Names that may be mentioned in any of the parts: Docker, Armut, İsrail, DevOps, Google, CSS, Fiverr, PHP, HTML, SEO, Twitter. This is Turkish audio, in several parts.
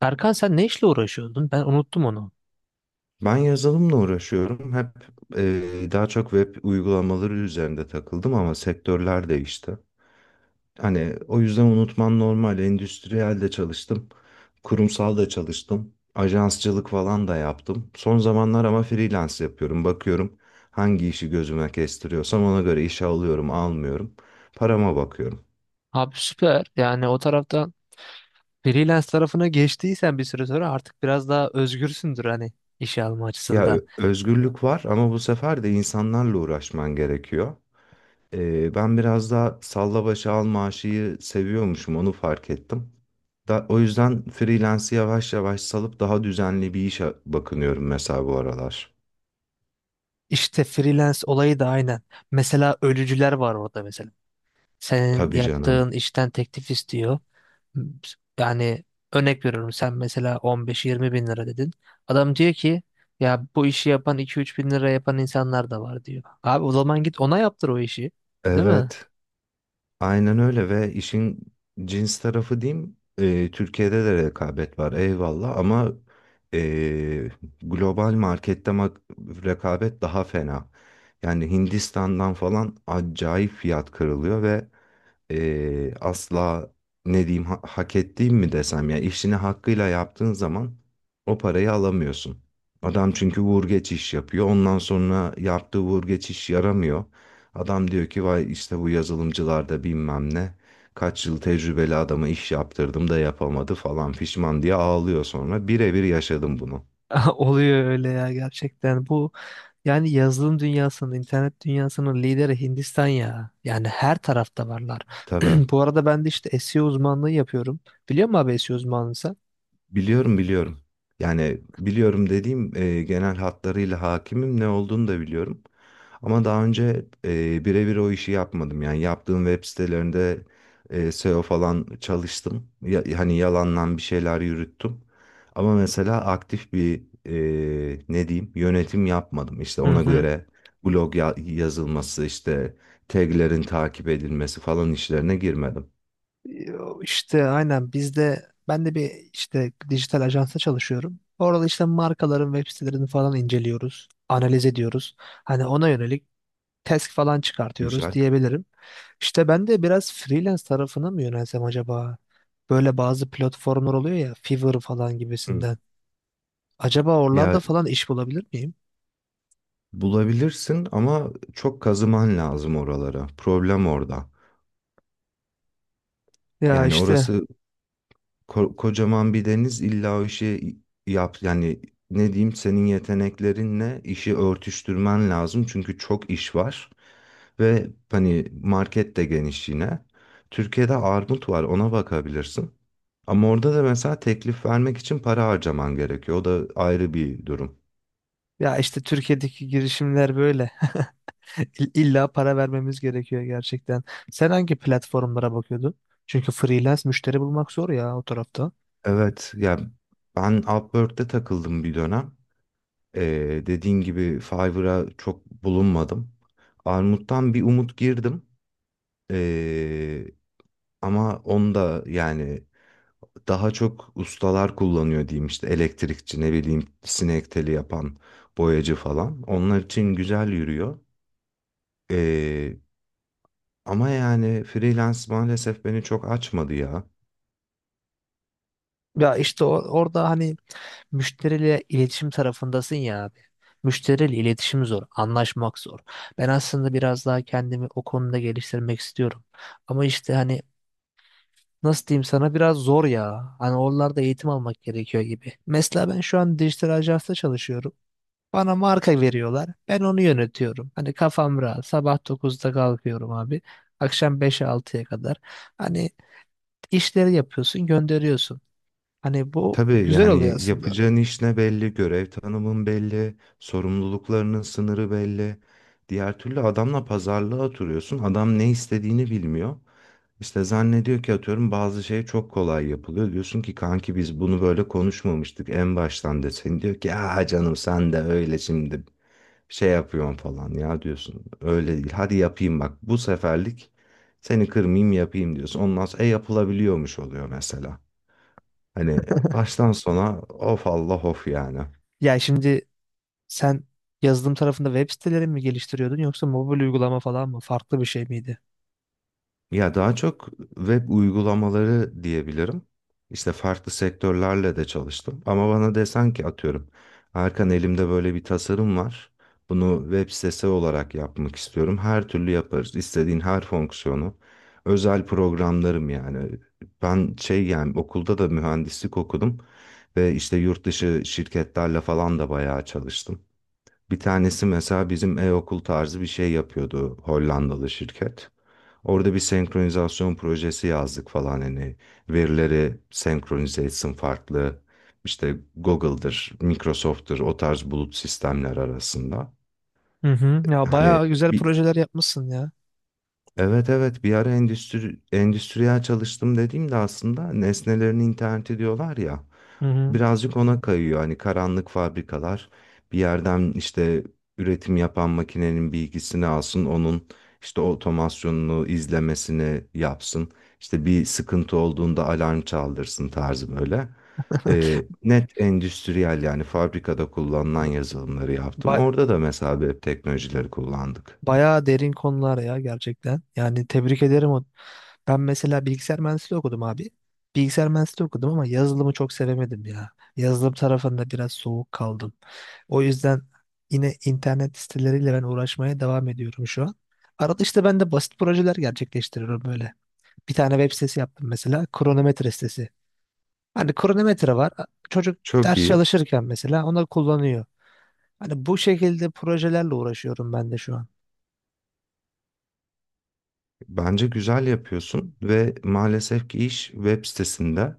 Erkan sen ne işle uğraşıyordun? Ben unuttum onu. Ben yazılımla uğraşıyorum. Daha çok web uygulamaları üzerinde takıldım ama sektörler değişti. Hani o yüzden unutman normal. Endüstriyel de çalıştım. Kurumsal da çalıştım. Ajansçılık falan da yaptım. Son zamanlar ama freelance yapıyorum. Bakıyorum hangi işi gözüme kestiriyorsam ona göre işe alıyorum, almıyorum. Parama bakıyorum. Abi süper. Yani o taraftan freelance tarafına geçtiysen bir süre sonra artık biraz daha özgürsündür hani işe alma açısından. Özgürlük var ama bu sefer de insanlarla uğraşman gerekiyor. Ben biraz daha salla başa al maaşıyı seviyormuşum, onu fark ettim. O yüzden freelance'i yavaş yavaş salıp daha düzenli bir işe bakınıyorum mesela bu aralar. İşte freelance olayı da aynen. Mesela ölücüler var orada mesela. Senin Tabii canım. yaptığın işten teklif istiyor. Yani örnek veriyorum sen mesela 15-20 bin lira dedin. Adam diyor ki ya bu işi yapan 2-3 bin lira yapan insanlar da var diyor. Abi o zaman git ona yaptır o işi. Değil mi? Evet, aynen öyle. Ve işin cins tarafı diyeyim. Türkiye'de de rekabet var, eyvallah, ama e, global markette rekabet daha fena. Yani Hindistan'dan falan acayip fiyat kırılıyor ve asla ne diyeyim, hak ettiğim mi desem, ya işini hakkıyla yaptığın zaman o parayı alamıyorsun. Adam çünkü vur geç iş yapıyor. Ondan sonra yaptığı vur geç iş yaramıyor. Adam diyor ki vay işte bu yazılımcılarda bilmem ne kaç yıl tecrübeli adama iş yaptırdım da yapamadı falan, pişman diye ağlıyor sonra. Birebir yaşadım bunu. Oluyor öyle ya gerçekten. Bu yani yazılım dünyasının, internet dünyasının lideri Hindistan ya. Yani her tarafta varlar. Tabii. Bu arada ben de işte SEO uzmanlığı yapıyorum. Biliyor musun abi SEO uzmanlığı sen? Biliyorum, biliyorum. Yani biliyorum dediğim genel hatlarıyla hakimim, ne olduğunu da biliyorum. Ama daha önce birebir o işi yapmadım. Yani yaptığım web sitelerinde SEO falan çalıştım. Hani yalandan bir şeyler yürüttüm. Ama mesela aktif bir ne diyeyim yönetim yapmadım. İşte Hı ona hı. göre blog yazılması, işte taglerin takip edilmesi falan işlerine girmedim. İşte aynen bizde ben de bir işte dijital ajansa çalışıyorum. Orada işte markaların web sitelerini falan inceliyoruz, analiz ediyoruz. Hani ona yönelik task falan çıkartıyoruz Güzel. diyebilirim. İşte ben de biraz freelance tarafına mı yönelsem acaba? Böyle bazı platformlar oluyor ya Fiverr falan Hı. gibisinden. Acaba Ya oralarda falan iş bulabilir miyim? bulabilirsin ama çok kazıman lazım oralara. Problem orada. Ya Yani işte orası Kocaman bir deniz, illa o işi yap yani. Ne diyeyim, senin yeteneklerinle işi örtüştürmen lazım çünkü çok iş var ve hani market de geniş yine. Türkiye'de armut var, ona bakabilirsin. Ama orada da mesela teklif vermek için para harcaman gerekiyor. O da ayrı bir durum. ya işte Türkiye'deki girişimler böyle. İlla para vermemiz gerekiyor gerçekten. Sen hangi platformlara bakıyordun? Çünkü freelance müşteri bulmak zor ya o tarafta. Evet ya, ben Upwork'te takıldım bir dönem. Dediğin gibi Fiverr'a çok bulunmadım. Armut'tan bir umut girdim. Ama onda yani daha çok ustalar kullanıyor diyeyim, işte elektrikçi, ne bileyim, sinek teli yapan, boyacı falan. Onlar için güzel yürüyor. Ee, Ama yani freelance maalesef beni çok açmadı ya. Ya işte orada hani müşteriyle iletişim tarafındasın ya abi. Müşteriyle iletişim zor, anlaşmak zor. Ben aslında biraz daha kendimi o konuda geliştirmek istiyorum. Ama işte hani nasıl diyeyim sana biraz zor ya. Hani oralarda eğitim almak gerekiyor gibi. Mesela ben şu an dijital ajansta çalışıyorum. Bana marka veriyorlar. Ben onu yönetiyorum. Hani kafam rahat. Sabah 9'da kalkıyorum abi. Akşam 5'e 6'ya kadar. Hani işleri yapıyorsun, gönderiyorsun. Hani bu Tabii, güzel oluyor yani aslında. yapacağın iş ne belli, görev tanımın belli, sorumluluklarının sınırı belli. Diğer türlü adamla pazarlığa oturuyorsun. Adam ne istediğini bilmiyor. İşte zannediyor ki, atıyorum, bazı şey çok kolay yapılıyor. Diyorsun ki kanki biz bunu böyle konuşmamıştık en baştan desin. Diyor ki ya canım sen de öyle şimdi şey yapıyorsun falan ya, diyorsun. Öyle değil, hadi yapayım, bak bu seferlik seni kırmayayım yapayım diyorsun. Ondan sonra e yapılabiliyormuş oluyor mesela. Hani baştan sona of Allah of yani. Ya şimdi sen yazılım tarafında web siteleri mi geliştiriyordun yoksa mobil uygulama falan mı? Farklı bir şey miydi? Ya daha çok web uygulamaları diyebilirim. İşte farklı sektörlerle de çalıştım. Ama bana desen ki, atıyorum, Erkan elimde böyle bir tasarım var. Bunu web sitesi olarak yapmak istiyorum. Her türlü yaparız. İstediğin her fonksiyonu. Özel programlarım yani. Ben şey, yani okulda da mühendislik okudum. Ve işte yurt dışı şirketlerle falan da bayağı çalıştım. Bir tanesi mesela bizim e-okul tarzı bir şey yapıyordu, Hollandalı şirket. Orada bir senkronizasyon projesi yazdık falan, hani verileri senkronize etsin farklı işte Google'dır, Microsoft'tur o tarz bulut sistemler arasında. Hı hı. Ya Hani bayağı güzel bir, projeler yapmışsın ya. Evet evet, bir ara endüstriyel çalıştım dediğimde aslında nesnelerin interneti diyorlar ya, Hı hı. birazcık ona kayıyor. Hani karanlık fabrikalar bir yerden işte üretim yapan makinenin bilgisini alsın, onun işte otomasyonunu izlemesini yapsın, işte bir sıkıntı olduğunda alarm çaldırsın tarzı böyle. Net endüstriyel, yani fabrikada kullanılan Ba- yazılımları yaptım. ba- Orada da mesela web teknolojileri kullandık. Bayağı derin konular ya gerçekten. Yani tebrik ederim. Ben mesela bilgisayar mühendisliği okudum abi. Bilgisayar mühendisliği okudum ama yazılımı çok sevemedim ya. Yazılım tarafında biraz soğuk kaldım. O yüzden yine internet siteleriyle ben uğraşmaya devam ediyorum şu an. Arada işte ben de basit projeler gerçekleştiriyorum böyle. Bir tane web sitesi yaptım mesela. Kronometre sitesi. Hani kronometre var. Çocuk Çok ders iyi. çalışırken mesela onu kullanıyor. Hani bu şekilde projelerle uğraşıyorum ben de şu an. Bence güzel yapıyorsun ve maalesef ki iş web sitesinde,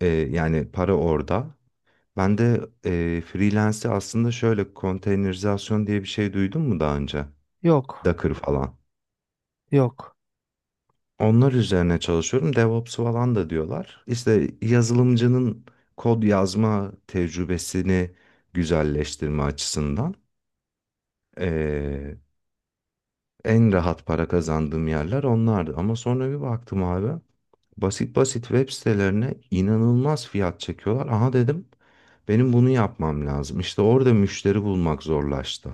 yani para orada. Ben de freelance'i aslında şöyle, konteynerizasyon diye bir şey duydun mu daha önce? Yok, Docker falan. yok. Onlar üzerine çalışıyorum. DevOps falan da diyorlar. İşte yazılımcının kod yazma tecrübesini güzelleştirme açısından. e, En rahat para kazandığım yerler onlardı. Ama sonra bir baktım abi. Basit basit web sitelerine inanılmaz fiyat çekiyorlar. Aha dedim, benim bunu yapmam lazım. İşte orada müşteri bulmak zorlaştı.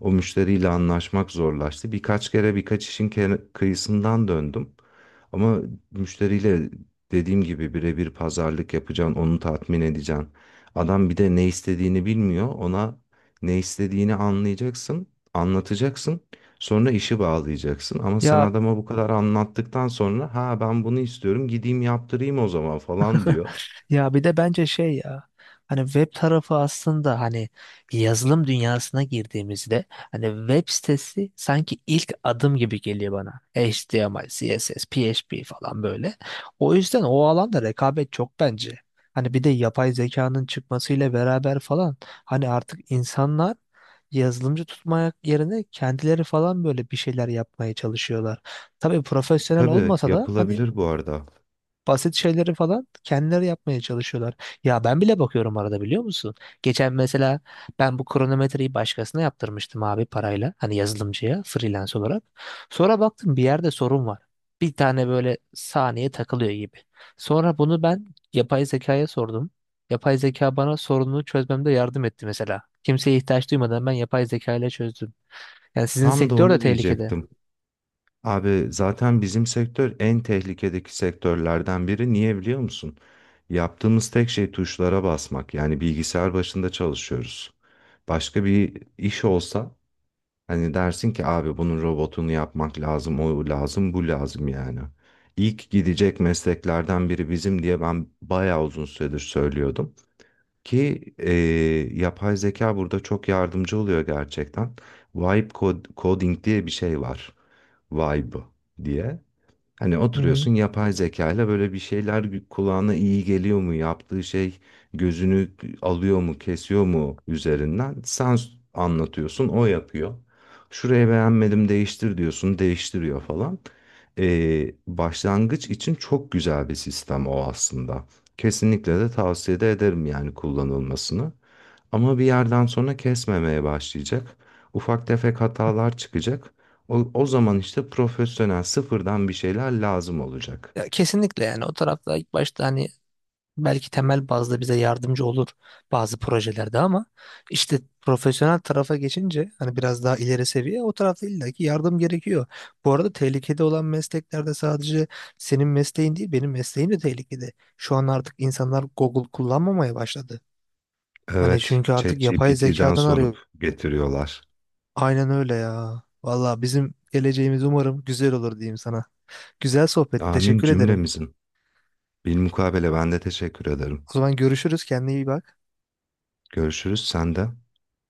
O müşteriyle anlaşmak zorlaştı. Birkaç kere birkaç işin kıyısından döndüm. Ama müşteriyle, dediğim gibi, birebir pazarlık yapacaksın, onu tatmin edeceksin. Adam bir de ne istediğini bilmiyor. Ona ne istediğini anlayacaksın, anlatacaksın. Sonra işi bağlayacaksın ama sen Ya adama bu kadar anlattıktan sonra ha ben bunu istiyorum, gideyim yaptırayım o zaman falan diyor. Ya bir de bence şey ya hani web tarafı aslında hani yazılım dünyasına girdiğimizde hani web sitesi sanki ilk adım gibi geliyor bana. HTML, CSS, PHP falan böyle. O yüzden o alanda rekabet çok bence. Hani bir de yapay zekanın çıkmasıyla beraber falan hani artık insanlar yazılımcı tutmak yerine kendileri falan böyle bir şeyler yapmaya çalışıyorlar. Tabii profesyonel Tabii, olmasa da hani yapılabilir bu arada. basit şeyleri falan kendileri yapmaya çalışıyorlar. Ya ben bile bakıyorum arada biliyor musun? Geçen mesela ben bu kronometreyi başkasına yaptırmıştım abi parayla. Hani yazılımcıya freelance olarak. Sonra baktım bir yerde sorun var. Bir tane böyle saniye takılıyor gibi. Sonra bunu ben yapay zekaya sordum. Yapay zeka bana sorununu çözmemde yardım etti mesela. Kimseye ihtiyaç duymadan ben yapay zeka ile çözdüm. Yani sizin Tam da sektör de onu tehlikede. diyecektim. Abi zaten bizim sektör en tehlikedeki sektörlerden biri. Niye biliyor musun? Yaptığımız tek şey tuşlara basmak. Yani bilgisayar başında çalışıyoruz. Başka bir iş olsa hani dersin ki abi bunun robotunu yapmak lazım, o lazım, bu lazım yani. İlk gidecek mesleklerden biri bizim diye ben bayağı uzun süredir söylüyordum. Ki e, Yapay zeka burada çok yardımcı oluyor gerçekten. Coding diye bir şey var. Vibe diye. Hani Hı hı. oturuyorsun yapay zeka ile böyle bir şeyler kulağına iyi geliyor mu? Yaptığı şey gözünü alıyor mu, kesiyor mu üzerinden? Anlatıyorsun, o yapıyor. Şurayı beğenmedim, değiştir diyorsun, değiştiriyor falan. Başlangıç için çok güzel bir sistem o aslında. Kesinlikle de tavsiye de ederim yani kullanılmasını. Ama bir yerden sonra kesmemeye başlayacak. Ufak tefek hatalar çıkacak. O zaman işte profesyonel sıfırdan bir şeyler lazım olacak. Ya kesinlikle yani o tarafta ilk başta hani belki temel bazda bize yardımcı olur bazı projelerde ama işte profesyonel tarafa geçince hani biraz daha ileri seviye o tarafta illaki yardım gerekiyor. Bu arada tehlikede olan mesleklerde sadece senin mesleğin değil benim mesleğim de tehlikede. Şu an artık insanlar Google kullanmamaya başladı. Hani Evet, çünkü artık yapay ChatGPT'den zekadan arıyor. sorup getiriyorlar. Aynen öyle ya. Valla bizim geleceğimiz umarım güzel olur diyeyim sana. Güzel sohbet. Amin Teşekkür ederim. cümlemizin. Bilmukabele ben de teşekkür ederim. O zaman görüşürüz. Kendine iyi bak. Görüşürüz sen de.